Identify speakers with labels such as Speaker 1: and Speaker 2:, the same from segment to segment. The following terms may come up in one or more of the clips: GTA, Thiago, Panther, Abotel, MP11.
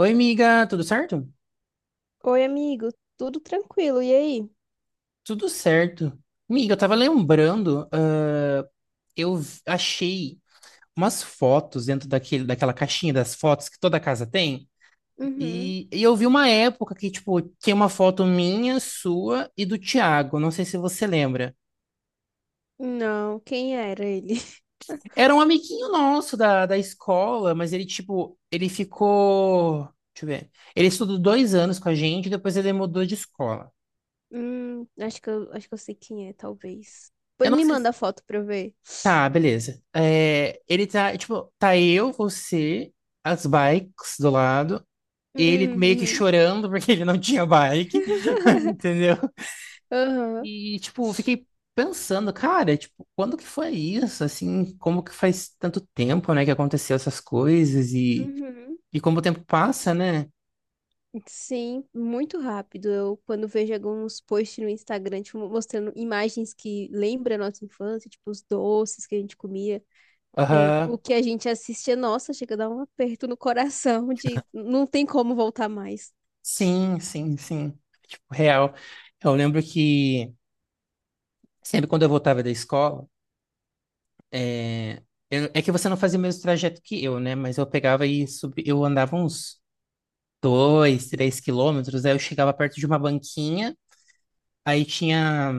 Speaker 1: Oi, amiga, tudo certo?
Speaker 2: Oi, amigo, tudo tranquilo, e aí?
Speaker 1: Tudo certo. Amiga, eu tava lembrando, achei umas fotos dentro daquela caixinha das fotos que toda casa tem,
Speaker 2: Uhum.
Speaker 1: e eu vi uma época que, tipo, tinha uma foto minha, sua e do Thiago, não sei se você lembra.
Speaker 2: Não, quem era ele?
Speaker 1: Era um amiguinho nosso da escola, mas ele, tipo, ele ficou. Deixa eu ver. Ele estudou 2 anos com a gente, depois ele mudou de escola.
Speaker 2: Acho que eu sei quem é, talvez.
Speaker 1: Eu
Speaker 2: Pois
Speaker 1: não
Speaker 2: me
Speaker 1: sei.
Speaker 2: manda a foto pra eu ver.
Speaker 1: Tá, beleza. É, ele tá, tipo, tá eu, você, as bikes do lado, ele meio que
Speaker 2: Uhum.
Speaker 1: chorando porque ele não tinha bike, entendeu?
Speaker 2: Aham.
Speaker 1: E, tipo, fiquei pensando, cara, tipo, quando que foi isso? Assim, como que faz tanto tempo, né, que aconteceu essas coisas e,
Speaker 2: Uhum.
Speaker 1: e como o tempo passa, né?
Speaker 2: Sim, muito rápido. Eu, quando vejo alguns posts no Instagram, tipo, mostrando imagens que lembram a nossa infância, tipo, os doces que a gente comia, é,
Speaker 1: Aham,
Speaker 2: o que a gente assistia, nossa, chega a dar um aperto no coração de não tem como voltar mais.
Speaker 1: sim, sim, sim. Tipo, real. Eu lembro que sempre quando eu voltava da escola, é, é que você não fazia o mesmo trajeto que eu, né? Mas eu pegava e subi, eu andava uns 2, 3 quilômetros, aí eu chegava perto de uma banquinha, aí tinha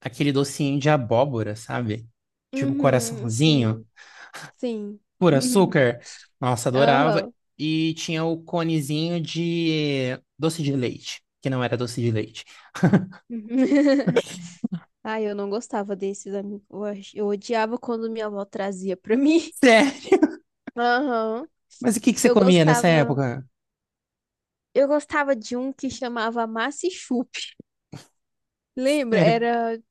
Speaker 1: aquele docinho de abóbora, sabe? Tipo
Speaker 2: Uhum. Sim.
Speaker 1: coraçãozinho,
Speaker 2: Sim.
Speaker 1: por açúcar. Nossa, adorava.
Speaker 2: Aham.
Speaker 1: E tinha o conezinho de doce de leite, que não era doce de leite.
Speaker 2: Ai, eu não gostava desses amigos. Eu odiava quando minha avó trazia pra mim.
Speaker 1: Sério?
Speaker 2: Aham.
Speaker 1: Mas o que que você
Speaker 2: Eu
Speaker 1: comia nessa
Speaker 2: gostava,
Speaker 1: época?
Speaker 2: eu gostava de um que chamava Massa e Chup. Lembra?
Speaker 1: Sério?
Speaker 2: Era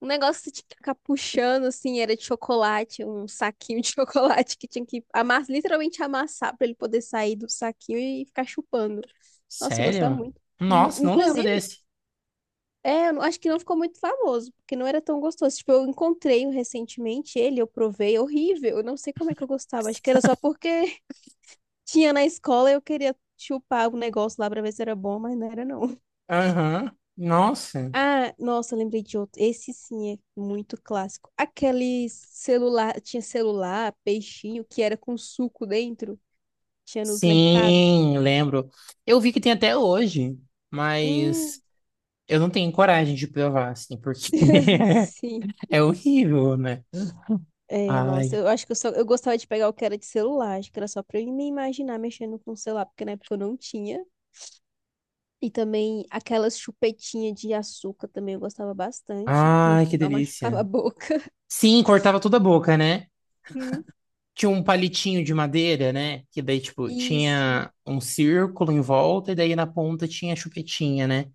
Speaker 2: um negócio que você tinha que ficar puxando assim, era de chocolate, um saquinho de chocolate que tinha que amassar, literalmente amassar pra ele poder sair do saquinho e ficar chupando. Nossa, eu gostava
Speaker 1: Sério?
Speaker 2: muito.
Speaker 1: Nossa, não lembro
Speaker 2: Inclusive,
Speaker 1: desse.
Speaker 2: é, eu não- acho que não ficou muito famoso, porque não era tão gostoso. Tipo, eu encontrei um recentemente ele, eu provei, é horrível. Eu não sei como é que eu gostava. Acho que era só porque tinha na escola e eu queria chupar o negócio lá pra ver se era bom, mas não era não.
Speaker 1: Aham. Nossa.
Speaker 2: Ah, nossa, lembrei de outro. Esse sim é muito clássico. Aquele celular, tinha celular, peixinho, que era com suco dentro, tinha nos mercados.
Speaker 1: Sim, lembro. Eu vi que tem até hoje, mas
Speaker 2: Hum,
Speaker 1: eu não tenho coragem de provar, assim, porque
Speaker 2: sim.
Speaker 1: é horrível, né?
Speaker 2: É, nossa,
Speaker 1: Ai,
Speaker 2: eu acho que eu gostava de pegar o que era de celular, acho que era só pra eu me imaginar mexendo com o celular, porque na época eu não tinha. E também aquelas chupetinhas de açúcar também eu gostava bastante, que no
Speaker 1: ai, que
Speaker 2: final machucava
Speaker 1: delícia.
Speaker 2: a boca.
Speaker 1: Sim, cortava toda a boca, né?
Speaker 2: Hum.
Speaker 1: Tinha um palitinho de madeira, né? Que daí, tipo,
Speaker 2: Isso.
Speaker 1: tinha um círculo em volta e daí na ponta tinha a chupetinha, né?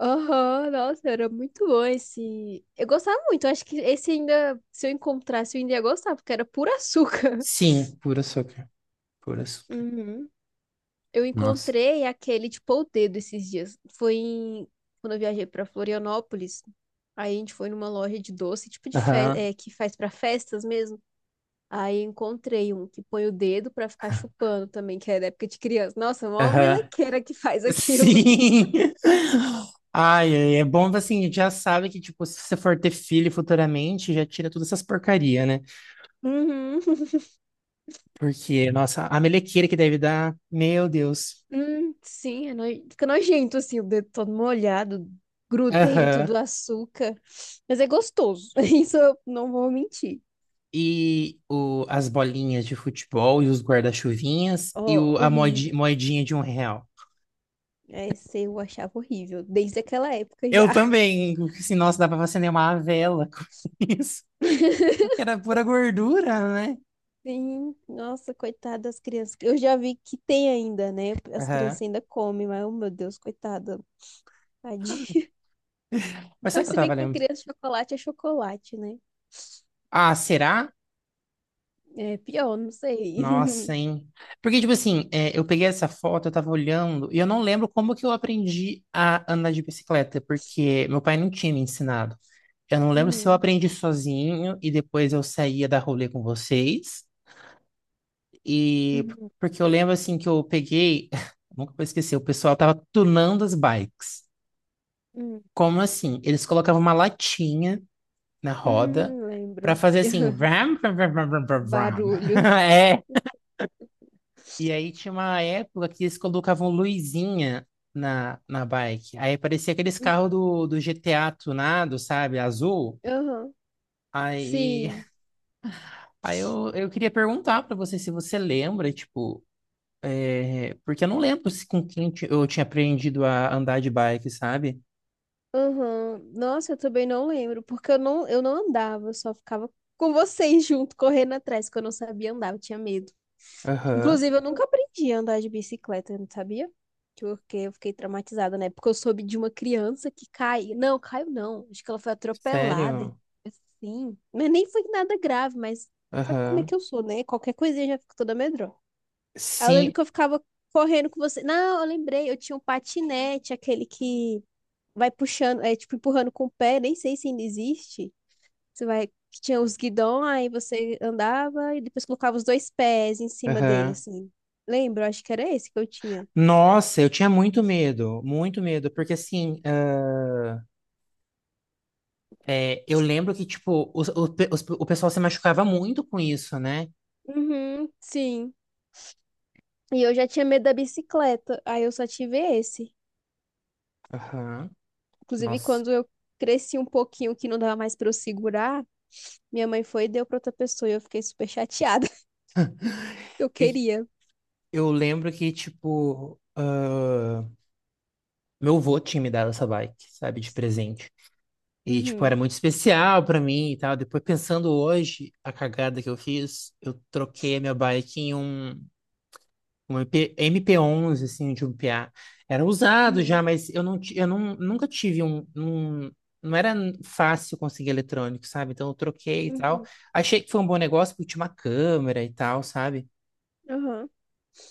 Speaker 2: Aham, nossa, era muito bom esse. Eu gostava muito, eu acho que esse ainda, se eu encontrasse, eu ainda ia gostar, porque era puro açúcar.
Speaker 1: Sim, puro açúcar, puro açúcar.
Speaker 2: Uhum. Eu
Speaker 1: Nossa.
Speaker 2: encontrei aquele, tipo, o dedo esses dias. Quando eu viajei pra Florianópolis. Aí a gente foi numa loja de doce,
Speaker 1: Aham,
Speaker 2: é, que faz pra festas mesmo. Aí encontrei um que põe o dedo pra ficar chupando também, que é da época de criança. Nossa, mó
Speaker 1: aham.
Speaker 2: melequeira que faz aquilo.
Speaker 1: Sim! Ai, ai, é bom assim, a gente já sabe que, tipo, se você for ter filho futuramente, já tira todas essas porcaria, né?
Speaker 2: Uhum.
Speaker 1: Porque, nossa, a melequeira que deve dar, meu Deus.
Speaker 2: Sim, fica nojento assim, o dedo todo molhado, grudento
Speaker 1: Aham.
Speaker 2: do açúcar. Mas é gostoso. Isso eu não vou mentir.
Speaker 1: E as bolinhas de futebol e os guarda-chuvinhas e
Speaker 2: Ó,
Speaker 1: o, a moedi-
Speaker 2: horrível.
Speaker 1: moedinha de 1 real.
Speaker 2: Esse eu achava horrível, desde aquela época
Speaker 1: Eu
Speaker 2: já.
Speaker 1: também, assim, nossa, dá pra você uma vela com isso. Porque era pura gordura, né?
Speaker 2: Sim, nossa, coitada das crianças. Eu já vi que tem ainda, né? As
Speaker 1: Aham.
Speaker 2: crianças ainda comem, mas, oh, meu Deus, coitada, tadinha.
Speaker 1: Mas sabe o
Speaker 2: Mas
Speaker 1: que eu
Speaker 2: se bem
Speaker 1: tava
Speaker 2: que pra
Speaker 1: lembrando?
Speaker 2: criança chocolate é chocolate, né?
Speaker 1: Ah, será?
Speaker 2: É pior, não sei.
Speaker 1: Nossa, hein? Porque, tipo assim, é, eu peguei essa foto, eu tava olhando, e eu não lembro como que eu aprendi a andar de bicicleta, porque meu pai não tinha me ensinado. Eu não lembro se eu
Speaker 2: Uhum,
Speaker 1: aprendi sozinho e depois eu saía da rolê com vocês. E
Speaker 2: uhum,
Speaker 1: porque eu lembro assim que eu peguei, nunca vou esquecer, o pessoal tava tunando as bikes.
Speaker 2: uhum.
Speaker 1: Como assim? Eles colocavam uma latinha na roda pra
Speaker 2: Lembro.
Speaker 1: fazer assim, vram, vram, vram, vram, vram, vram.
Speaker 2: Barulho.
Speaker 1: É. E aí tinha uma época que eles colocavam luzinha na bike. Aí parecia aqueles carros do GTA tunado, sabe? Azul.
Speaker 2: Uhum.
Speaker 1: Aí,
Speaker 2: Sim.
Speaker 1: aí, eu queria perguntar pra você se você lembra, tipo, é, porque eu não lembro se com quem eu tinha aprendido a andar de bike, sabe?
Speaker 2: Aham. Nossa, eu também não lembro, porque eu não andava, eu só ficava com vocês junto, correndo atrás, porque eu não sabia andar, eu tinha medo.
Speaker 1: Aham.
Speaker 2: Inclusive, eu nunca aprendi a andar de bicicleta, não sabia? Porque eu fiquei traumatizada, né? Porque eu soube de uma criança que cai. Não, caiu não. Acho que ela foi atropelada e
Speaker 1: Sério?
Speaker 2: assim. Mas nem foi nada grave, mas sabe como é que
Speaker 1: Aham.
Speaker 2: eu sou, né? Qualquer coisinha eu já fico toda medrosa. Aí eu lembro
Speaker 1: Sim.
Speaker 2: que eu ficava correndo com você. Não, eu lembrei, eu tinha um patinete, aquele que vai puxando, é tipo empurrando com o pé, nem sei se ainda existe. Você vai, que tinha os guidões, aí você andava e depois colocava os dois pés em cima dele,
Speaker 1: Aham.
Speaker 2: assim. Lembro, acho que era esse que eu tinha.
Speaker 1: Nossa, eu tinha muito medo, porque assim. É, eu lembro que, tipo, os- o, pe- os- o pessoal se machucava muito com isso, né?
Speaker 2: Uhum, sim. E eu já tinha medo da bicicleta, aí eu só tive esse.
Speaker 1: Aham.
Speaker 2: Inclusive,
Speaker 1: Nossa.
Speaker 2: quando eu cresci um pouquinho, que não dava mais pra eu segurar, minha mãe foi e deu pra outra pessoa, e eu fiquei super chateada, porque eu
Speaker 1: E
Speaker 2: queria.
Speaker 1: eu lembro que, tipo, meu avô tinha me dado essa bike, sabe, de presente. E, tipo, era
Speaker 2: Uhum,
Speaker 1: muito especial pra mim e tal. Depois, pensando hoje, a cagada que eu fiz, eu troquei a minha bike em um. Um MP, MP11, assim, de um p a Era usado já,
Speaker 2: uhum,
Speaker 1: mas eu, não, eu não, nunca tive um. Não era fácil conseguir eletrônico, sabe? Então eu troquei e tal.
Speaker 2: uhum,
Speaker 1: Achei que foi um bom negócio porque tinha uma câmera e tal, sabe?
Speaker 2: aham.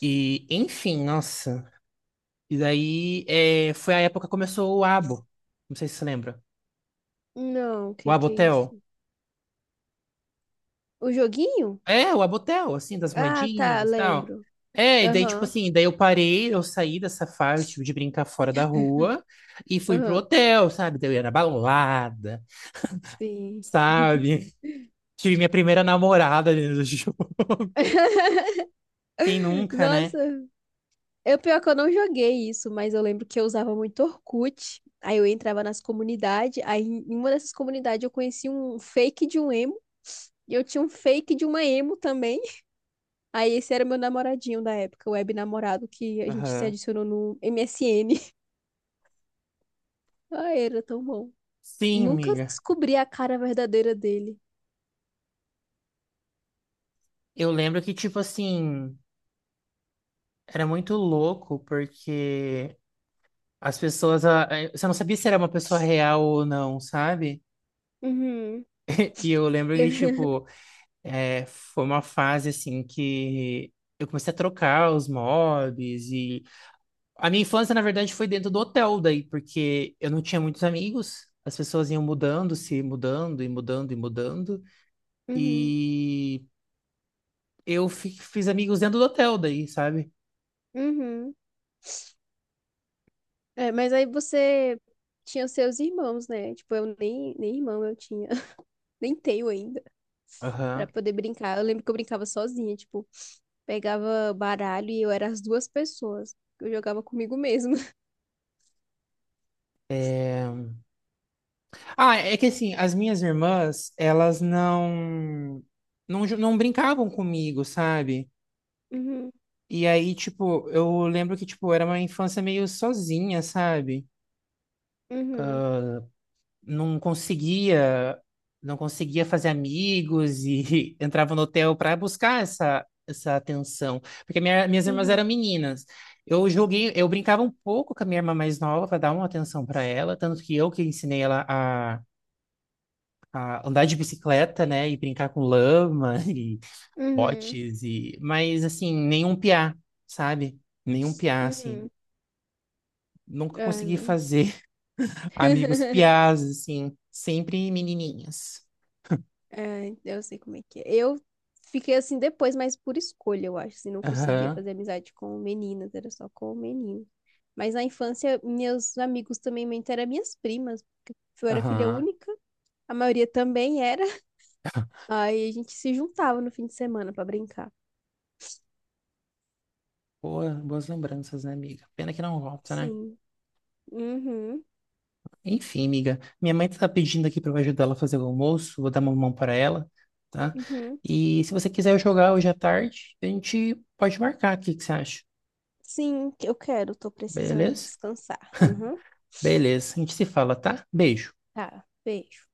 Speaker 1: E, enfim, nossa. E daí foi a época que começou o Abo. Não sei se você lembra.
Speaker 2: Não, o
Speaker 1: O
Speaker 2: que que é
Speaker 1: Abotel.
Speaker 2: isso? O joguinho?
Speaker 1: É, o Abotel, assim, das
Speaker 2: Ah, tá,
Speaker 1: moedinhas e tal.
Speaker 2: lembro.
Speaker 1: É, e daí, tipo
Speaker 2: Aham,
Speaker 1: assim, daí eu parei, eu saí dessa fase, tipo, de brincar fora da rua e fui pro
Speaker 2: aham,
Speaker 1: hotel, sabe? Daí eu ia na balada,
Speaker 2: sim.
Speaker 1: sabe? Tive minha primeira namorada dentro do jogo. Quem nunca, né?
Speaker 2: Nossa, eu pior que eu não joguei isso, mas eu lembro que eu usava muito Orkut. Aí eu entrava nas comunidades, aí em uma dessas comunidades eu conheci um fake de um emo, e eu tinha um fake de uma emo também. Aí esse era meu namoradinho da época, o web namorado que a gente se
Speaker 1: Aham.
Speaker 2: adicionou no MSN. Ai, era tão bom.
Speaker 1: Sim,
Speaker 2: Nunca
Speaker 1: amiga.
Speaker 2: descobri a cara verdadeira dele.
Speaker 1: Eu lembro que, tipo assim, era muito louco, porque as pessoas. Você não sabia se era uma pessoa real ou não, sabe?
Speaker 2: Uhum,
Speaker 1: E eu lembro que, tipo. É, foi uma fase assim que eu comecei a trocar os mobs e a minha infância na verdade foi dentro do hotel daí, porque eu não tinha muitos amigos, as pessoas iam mudando, se mudando e mudando e mudando
Speaker 2: uhum,
Speaker 1: e eu fiz amigos dentro do hotel daí, sabe?
Speaker 2: uhum. É, mas aí você tinha os seus irmãos, né? Tipo, eu nem, nem irmão eu tinha. Nem tenho ainda, pra
Speaker 1: Aham.
Speaker 2: poder brincar. Eu lembro que eu brincava sozinha, tipo, pegava baralho e eu era as duas pessoas. Eu jogava comigo mesma.
Speaker 1: Ah, é que assim, as minhas irmãs, elas não brincavam comigo, sabe?
Speaker 2: Uhum,
Speaker 1: E aí, tipo, eu lembro que, tipo, era uma infância meio sozinha, sabe?
Speaker 2: uhum,
Speaker 1: não conseguia, não conseguia fazer amigos e entrava no hotel para buscar essa atenção, porque minhas irmãs eram
Speaker 2: uhum,
Speaker 1: meninas. Eu joguei, eu brincava um pouco com a minha irmã mais nova para dar uma atenção para ela, tanto que eu que ensinei ela a andar de bicicleta, né, e brincar com lama e
Speaker 2: uhum,
Speaker 1: botes e, mas assim, nenhum piá, sabe? Nenhum piá assim.
Speaker 2: uhum.
Speaker 1: Nunca
Speaker 2: Ai,
Speaker 1: consegui
Speaker 2: mãe.
Speaker 1: fazer amigos piás assim, sempre menininhas.
Speaker 2: É, eu sei como é que é. Eu fiquei assim depois, mas por escolha, eu acho. Assim, não conseguia
Speaker 1: Aham.
Speaker 2: fazer amizade com meninas, era só com meninos. Mas na infância, meus amigos também muito eram minhas primas. Eu era filha
Speaker 1: Aham.
Speaker 2: única, a maioria também era. Aí a gente se juntava no fim de semana pra brincar.
Speaker 1: Boas lembranças, né, amiga? Pena que não volta, né?
Speaker 2: Sim. Uhum.
Speaker 1: Enfim, amiga, minha mãe tá pedindo aqui pra eu ajudar ela a fazer o almoço, vou dar uma mão para ela, tá?
Speaker 2: Uhum.
Speaker 1: E se você quiser jogar hoje à tarde, a gente pode marcar aqui, o que você acha?
Speaker 2: Sim, eu quero, tô precisando
Speaker 1: Beleza?
Speaker 2: descansar. Uhum.
Speaker 1: Beleza, a gente se fala, tá? Beijo.
Speaker 2: Tá, beijo.